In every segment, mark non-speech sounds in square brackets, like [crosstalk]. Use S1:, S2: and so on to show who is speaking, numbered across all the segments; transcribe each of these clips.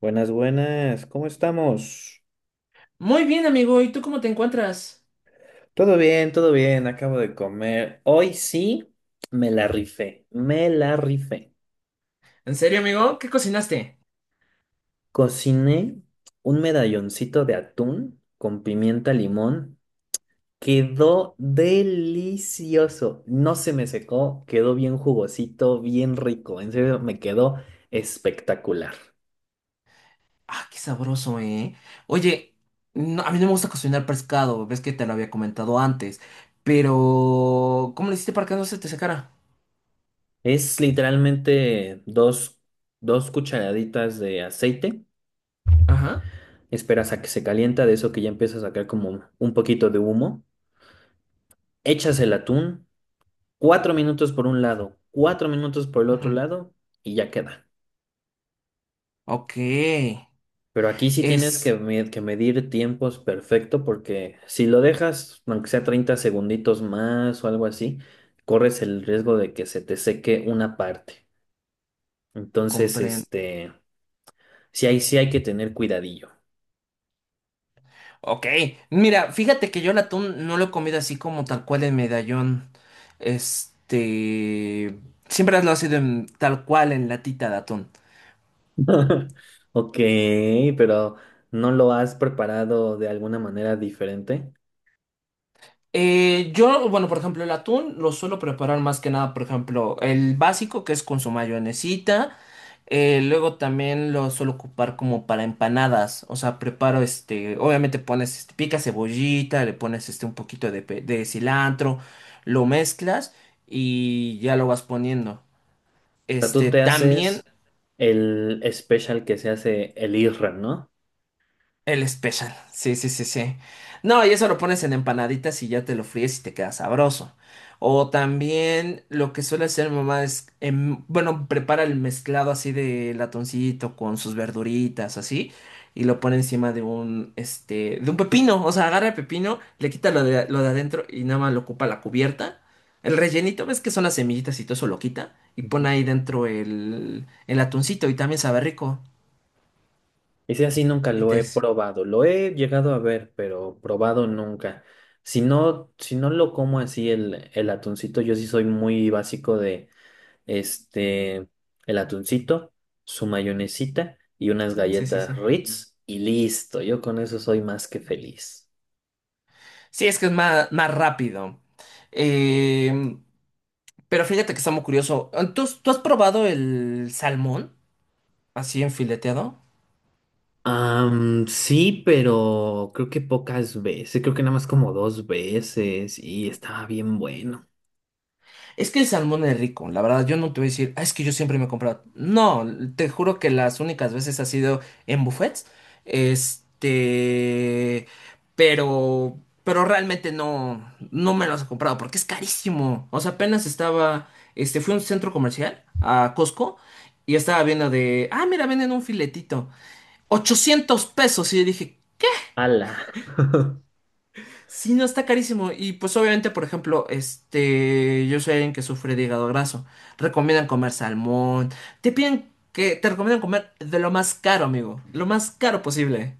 S1: Buenas, buenas, ¿cómo estamos?
S2: Muy bien, amigo. ¿Y tú cómo te encuentras?
S1: Todo bien, acabo de comer. Hoy sí me la rifé, me la rifé.
S2: ¿En serio, amigo? ¿Qué cocinaste?
S1: Cociné un medalloncito de atún con pimienta limón. Quedó delicioso. No se me secó, quedó bien jugosito, bien rico. En serio, me quedó espectacular.
S2: Ah, qué sabroso, ¿eh? Oye, a mí no me gusta cocinar pescado, ves que te lo había comentado antes, pero ¿cómo le hiciste para que no se te secara?
S1: Es literalmente dos cucharaditas de aceite.
S2: Ajá.
S1: Esperas a que se calienta, de eso que ya empieza a sacar como un poquito de humo, echas el atún, cuatro minutos por un lado, cuatro minutos por el
S2: Ujú.
S1: otro lado y ya queda.
S2: Ok.
S1: Pero aquí sí tienes que,
S2: Es...
S1: que medir tiempos perfecto porque si lo dejas, aunque sea 30 segunditos más o algo así, corres el riesgo de que se te seque una parte. Entonces,
S2: Comprendo.
S1: sí hay que tener cuidadillo.
S2: Ok. Mira, fíjate que yo el atún no lo he comido así como tal cual en medallón. Este... Siempre lo ha sido tal cual en latita de atún.
S1: [laughs] Ok, pero ¿no lo has preparado de alguna manera diferente?
S2: Bueno, por ejemplo, el atún lo suelo preparar más que nada, por ejemplo, el básico que es con su mayonesita. Luego también lo suelo ocupar como para empanadas. O sea, preparo obviamente pones, picas cebollita, le pones este un poquito de, de cilantro, lo mezclas y ya lo vas poniendo.
S1: Sea, tú
S2: Este,
S1: te
S2: también.
S1: haces el special que se hace el IRRAM, ¿no?
S2: El especial, sí, sí, sí, sí. No, y eso lo pones en empanaditas y ya te lo fríes y te queda sabroso. O también lo que suele hacer mi mamá es, bueno, prepara el mezclado así de latoncito con sus verduritas, así, y lo pone encima de un, este, de un pepino. O sea, agarra el pepino, le quita lo de adentro y nada más lo ocupa la cubierta. El rellenito, ves que son las semillitas y todo eso lo quita y
S1: Ujú.
S2: pone ahí dentro el atuncito y también sabe rico.
S1: Ese así nunca
S2: Y
S1: lo
S2: te-
S1: he probado. Lo he llegado a ver, pero probado nunca. Si no, si no lo como así el atuncito, yo sí soy muy básico de este, el atuncito, su mayonesita y unas
S2: Sí, sí,
S1: galletas
S2: sí.
S1: Ritz y listo. Yo con eso soy más que feliz.
S2: Sí, es que es más, más rápido. Eh, pero fíjate que está muy curioso. ¿Tú has probado el salmón así enfileteado?
S1: Sí, pero creo que pocas veces, creo que nada más como dos veces y estaba bien bueno.
S2: Es que el salmón es rico, la verdad. Yo no te voy a decir, "Ah, es que yo siempre me he comprado". No, te juro que las únicas veces ha sido en buffets. Este. Pero. Pero realmente no. No me los he comprado porque es carísimo. O sea, apenas estaba. Este, fui a un centro comercial, a Costco, y estaba viendo de. Ah, mira, venden un filetito. 800 pesos. Y yo dije,
S1: Ala. [laughs]
S2: sí, no, está carísimo. Y pues obviamente, por ejemplo, yo soy alguien que sufre de hígado graso. Recomiendan comer salmón. Te piden que te recomiendan comer de lo más caro, amigo. Lo más caro posible.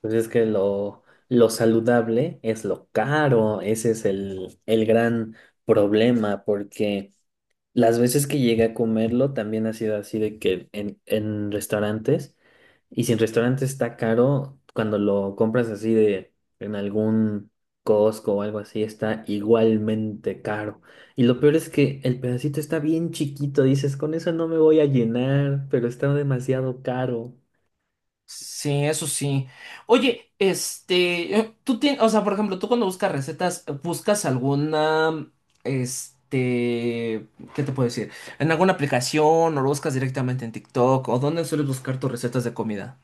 S1: Pues es que lo saludable es lo caro, ese es el gran problema, porque las veces que llegué a comerlo también ha sido así de que en restaurantes. Y si el restaurante está caro, cuando lo compras así de en algún Costco o algo así, está igualmente caro. Y lo peor es que el pedacito está bien chiquito, dices, con eso no me voy a llenar, pero está demasiado caro.
S2: Sí, eso sí. Oye, tú tienes, o sea, por ejemplo, tú cuando buscas recetas, buscas alguna, este, ¿qué te puedo decir? ¿En alguna aplicación o lo buscas directamente en TikTok? ¿O dónde sueles buscar tus recetas de comida?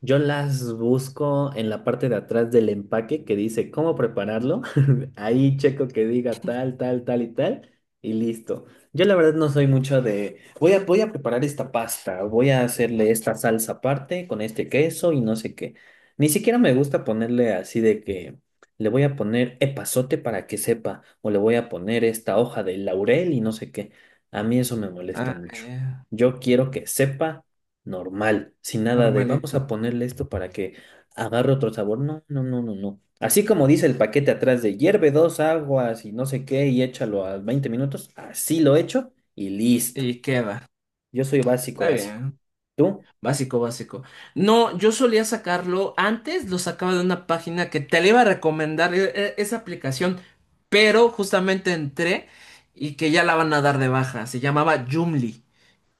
S1: Yo las busco en la parte de atrás del empaque que dice cómo prepararlo. [laughs] Ahí checo que diga tal, tal, tal y tal. Y listo. Yo la verdad no soy mucho de, voy a preparar esta pasta, voy a hacerle esta salsa aparte con este queso y no sé qué. Ni siquiera me gusta ponerle así de que le voy a poner epazote para que sepa o le voy a poner esta hoja de laurel y no sé qué. A mí eso me molesta
S2: Ah,
S1: mucho.
S2: ya.
S1: Yo quiero que sepa normal, sin nada de vamos
S2: Normalito.
S1: a ponerle esto para que agarre otro sabor. No, no, no, no, no. Así como dice el paquete atrás de hierve dos aguas y no sé qué y échalo a 20 minutos, así lo echo y listo.
S2: Y queda.
S1: Yo soy básico,
S2: Está
S1: básico.
S2: bien.
S1: ¿Tú?
S2: Básico, básico. No, yo solía sacarlo. Antes lo sacaba de una página que te le iba a recomendar esa aplicación. Pero justamente entré y que ya la van a dar de baja. Se llamaba Joomla,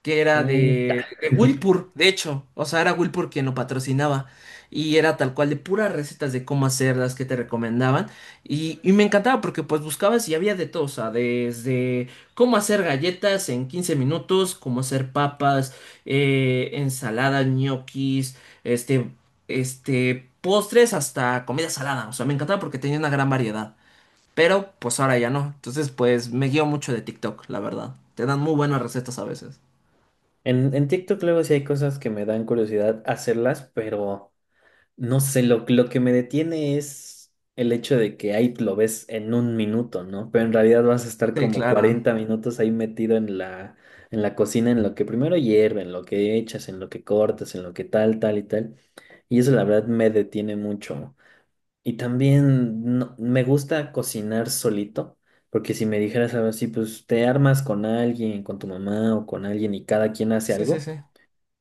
S2: que era
S1: Puta.
S2: de
S1: [laughs]
S2: Wilpur, de hecho. O sea, era Wilpur quien lo patrocinaba. Y era tal cual de puras recetas de cómo hacerlas que te recomendaban. Y me encantaba porque pues buscabas y había de todo. O sea, desde cómo hacer galletas en 15 minutos, cómo hacer papas, ensaladas, ñoquis, este, postres hasta comida salada. O sea, me encantaba porque tenía una gran variedad. Pero pues ahora ya no. Entonces pues me guío mucho de TikTok, la verdad. Te dan muy buenas recetas a veces.
S1: En TikTok luego sí hay cosas que me dan curiosidad hacerlas, pero... No sé, lo que me detiene es el hecho de que ahí lo ves en un minuto, ¿no? Pero en realidad vas a estar
S2: Sí,
S1: como
S2: claro.
S1: 40 minutos ahí metido en en la cocina, en lo que primero hierve, en lo que echas, en lo que cortas, en lo que tal, tal y tal. Y eso la verdad me detiene mucho. Y también me gusta cocinar solito, porque si me dijeras algo así, pues te armas con alguien, con tu mamá o con alguien y cada quien hace
S2: Sí, sí,
S1: algo.
S2: sí.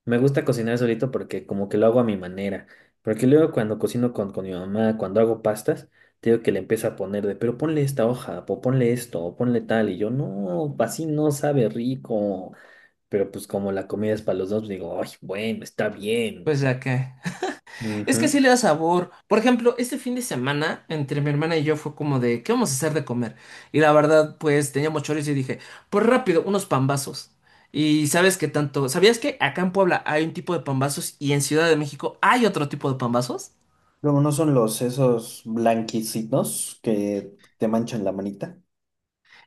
S1: Me gusta cocinar solito porque como que lo hago a mi manera. Porque luego cuando cocino con mi mamá, cuando hago pastas, te digo que le empiezo a poner de, pero ponle esta hoja, o ponle esto, o ponle tal. Y yo, no, así no sabe rico. Pero pues como la comida es para los dos, digo, ay, bueno, está bien.
S2: Pues ya que. Es que
S1: Ujú.
S2: sí le da sabor. Por ejemplo, este fin de semana, entre mi hermana y yo, fue como de, ¿qué vamos a hacer de comer? Y la verdad, pues teníamos chorizo y dije, pues rápido, unos pambazos. Y sabes que tanto. ¿Sabías que acá en Puebla hay un tipo de pambazos y en Ciudad de México hay otro tipo de pambazos?
S1: Luego no son los esos blanquicitos que te manchan la manita.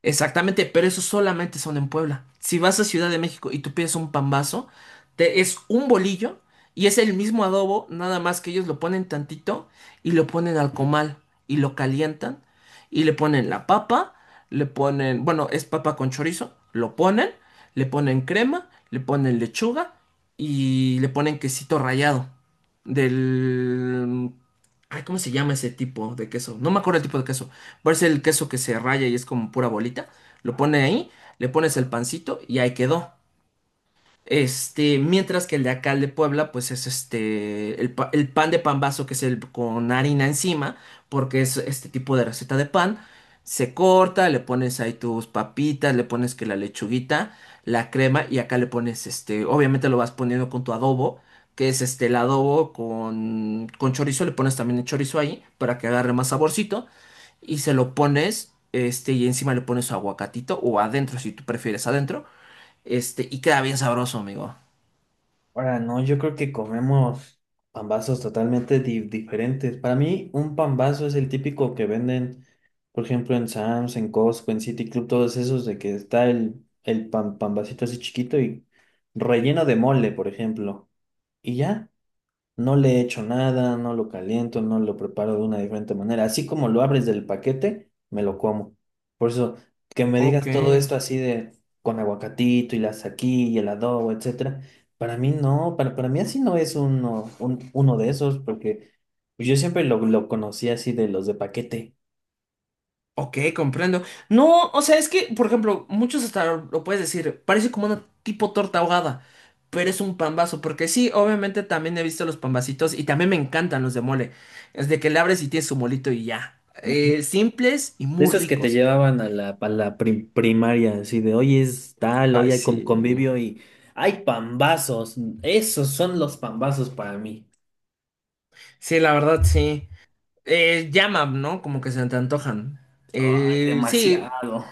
S2: Exactamente, pero esos solamente son en Puebla. Si vas a Ciudad de México y tú pides un pambazo, es un bolillo y es el mismo adobo, nada más que ellos lo ponen tantito y lo ponen al comal y lo calientan y le ponen la papa, le ponen, bueno, es papa con chorizo, lo ponen, le ponen crema, le ponen lechuga y le ponen quesito rallado del... Ay, ¿cómo se llama ese tipo de queso? No me acuerdo el tipo de queso, parece el queso que se raya y es como pura bolita, lo pone ahí, le pones el pancito y ahí quedó. Este, mientras que el de acá, el de Puebla, pues es el pan de pambazo, que es el con harina encima, porque es este tipo de receta de pan. Se corta, le pones ahí tus papitas, le pones que la lechuguita, la crema, y acá le pones obviamente lo vas poniendo con tu adobo, que es el adobo con chorizo, le pones también el chorizo ahí, para que agarre más saborcito, y se lo pones, y encima le pones su aguacatito, o adentro, si tú prefieres adentro. Este, y queda bien sabroso, amigo.
S1: Ahora, no, yo creo que comemos pambazos totalmente diferentes. Para mí, un pambazo es el típico que venden, por ejemplo, en Sam's, en Costco, en City Club, todos esos de que está el pan, pambacito así chiquito y relleno de mole, por ejemplo. Y ya. No le echo nada, no lo caliento, no lo preparo de una diferente manera. Así como lo abres del paquete, me lo como. Por eso, que me
S2: Ok,
S1: digas todo esto así de con aguacatito y la saquí y el adobo, etcétera. Para mí no, para mí así no es uno, uno de esos, porque pues, yo siempre lo conocí así de los de paquete.
S2: ok, comprendo. No, o sea, es que, por ejemplo, muchos hasta lo puedes decir, parece como una tipo torta ahogada, pero es un pambazo, porque sí, obviamente también he visto los pambacitos y también me encantan los de mole. Es de que le abres y tienes su molito y ya. Simples y
S1: De
S2: muy
S1: esos que te
S2: ricos.
S1: llevaban a a la primaria, así de hoy es tal, hoy
S2: Ay,
S1: hay con
S2: sí.
S1: convivio y hay pambazos. Esos son los pambazos para mí.
S2: Sí, la verdad, sí. Llama, ¿no? Como que se te antojan.
S1: Ay,
S2: Sí.
S1: demasiado.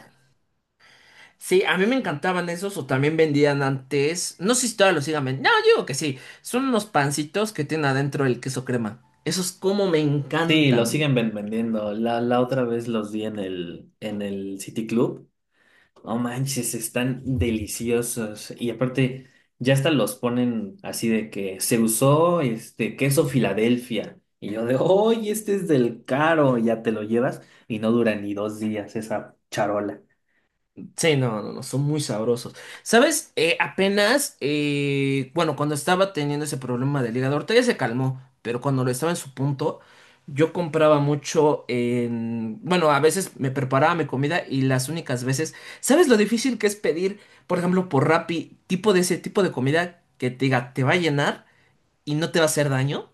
S2: Sí, a mí me encantaban esos o también vendían antes. No sé si todavía los sigan vendiendo. No, yo digo que sí. Son unos pancitos que tienen adentro el queso crema. Esos como me
S1: Sí, lo
S2: encantan.
S1: siguen vendiendo. La otra vez los vi en en el City Club. No manches, están deliciosos. Y aparte, ya hasta los ponen así de que se usó este queso Filadelfia. Y yo de, ¡hoy este es del caro! Ya te lo llevas y no dura ni dos días esa charola.
S2: Sí, no, no, no, son muy sabrosos. ¿Sabes? Bueno, cuando estaba teniendo ese problema del hígado, ahorita ya se calmó, pero cuando lo estaba en su punto, yo compraba mucho en, bueno, a veces me preparaba mi comida y las únicas veces, ¿sabes lo difícil que es pedir, por ejemplo, por Rappi, tipo de ese tipo de comida que te diga, te va a llenar y no te va a hacer daño?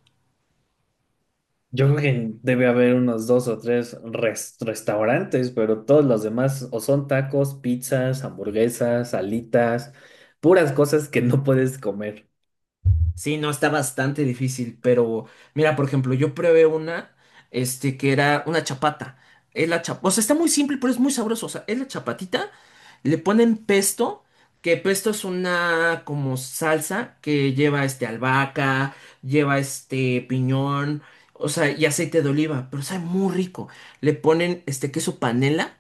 S1: Yo creo que debe haber unos dos o tres restaurantes, pero todos los demás o son tacos, pizzas, hamburguesas, alitas, puras cosas que no puedes comer.
S2: Sí, no, está bastante difícil, pero mira, por ejemplo, yo probé una, que era una chapata. Es la o sea, está muy simple, pero es muy sabroso. O sea, es la chapatita, le ponen pesto, que pesto es una como salsa que lleva este albahaca, lleva este piñón, o sea, y aceite de oliva, pero sabe muy rico. Le ponen este queso panela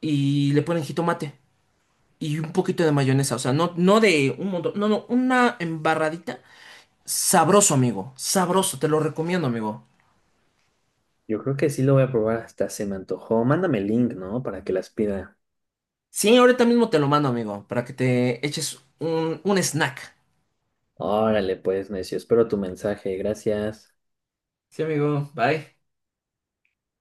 S2: y le ponen jitomate y un poquito de mayonesa, o sea, no, no de un montón, no, no, una embarradita. Sabroso, amigo. Sabroso, te lo recomiendo, amigo.
S1: Yo creo que sí lo voy a probar, hasta se me antojó. Mándame el link, ¿no? Para que las pida.
S2: Sí, ahorita mismo te lo mando, amigo, para que te eches un snack.
S1: Órale, pues, necio, espero tu mensaje. Gracias.
S2: Sí, amigo, bye.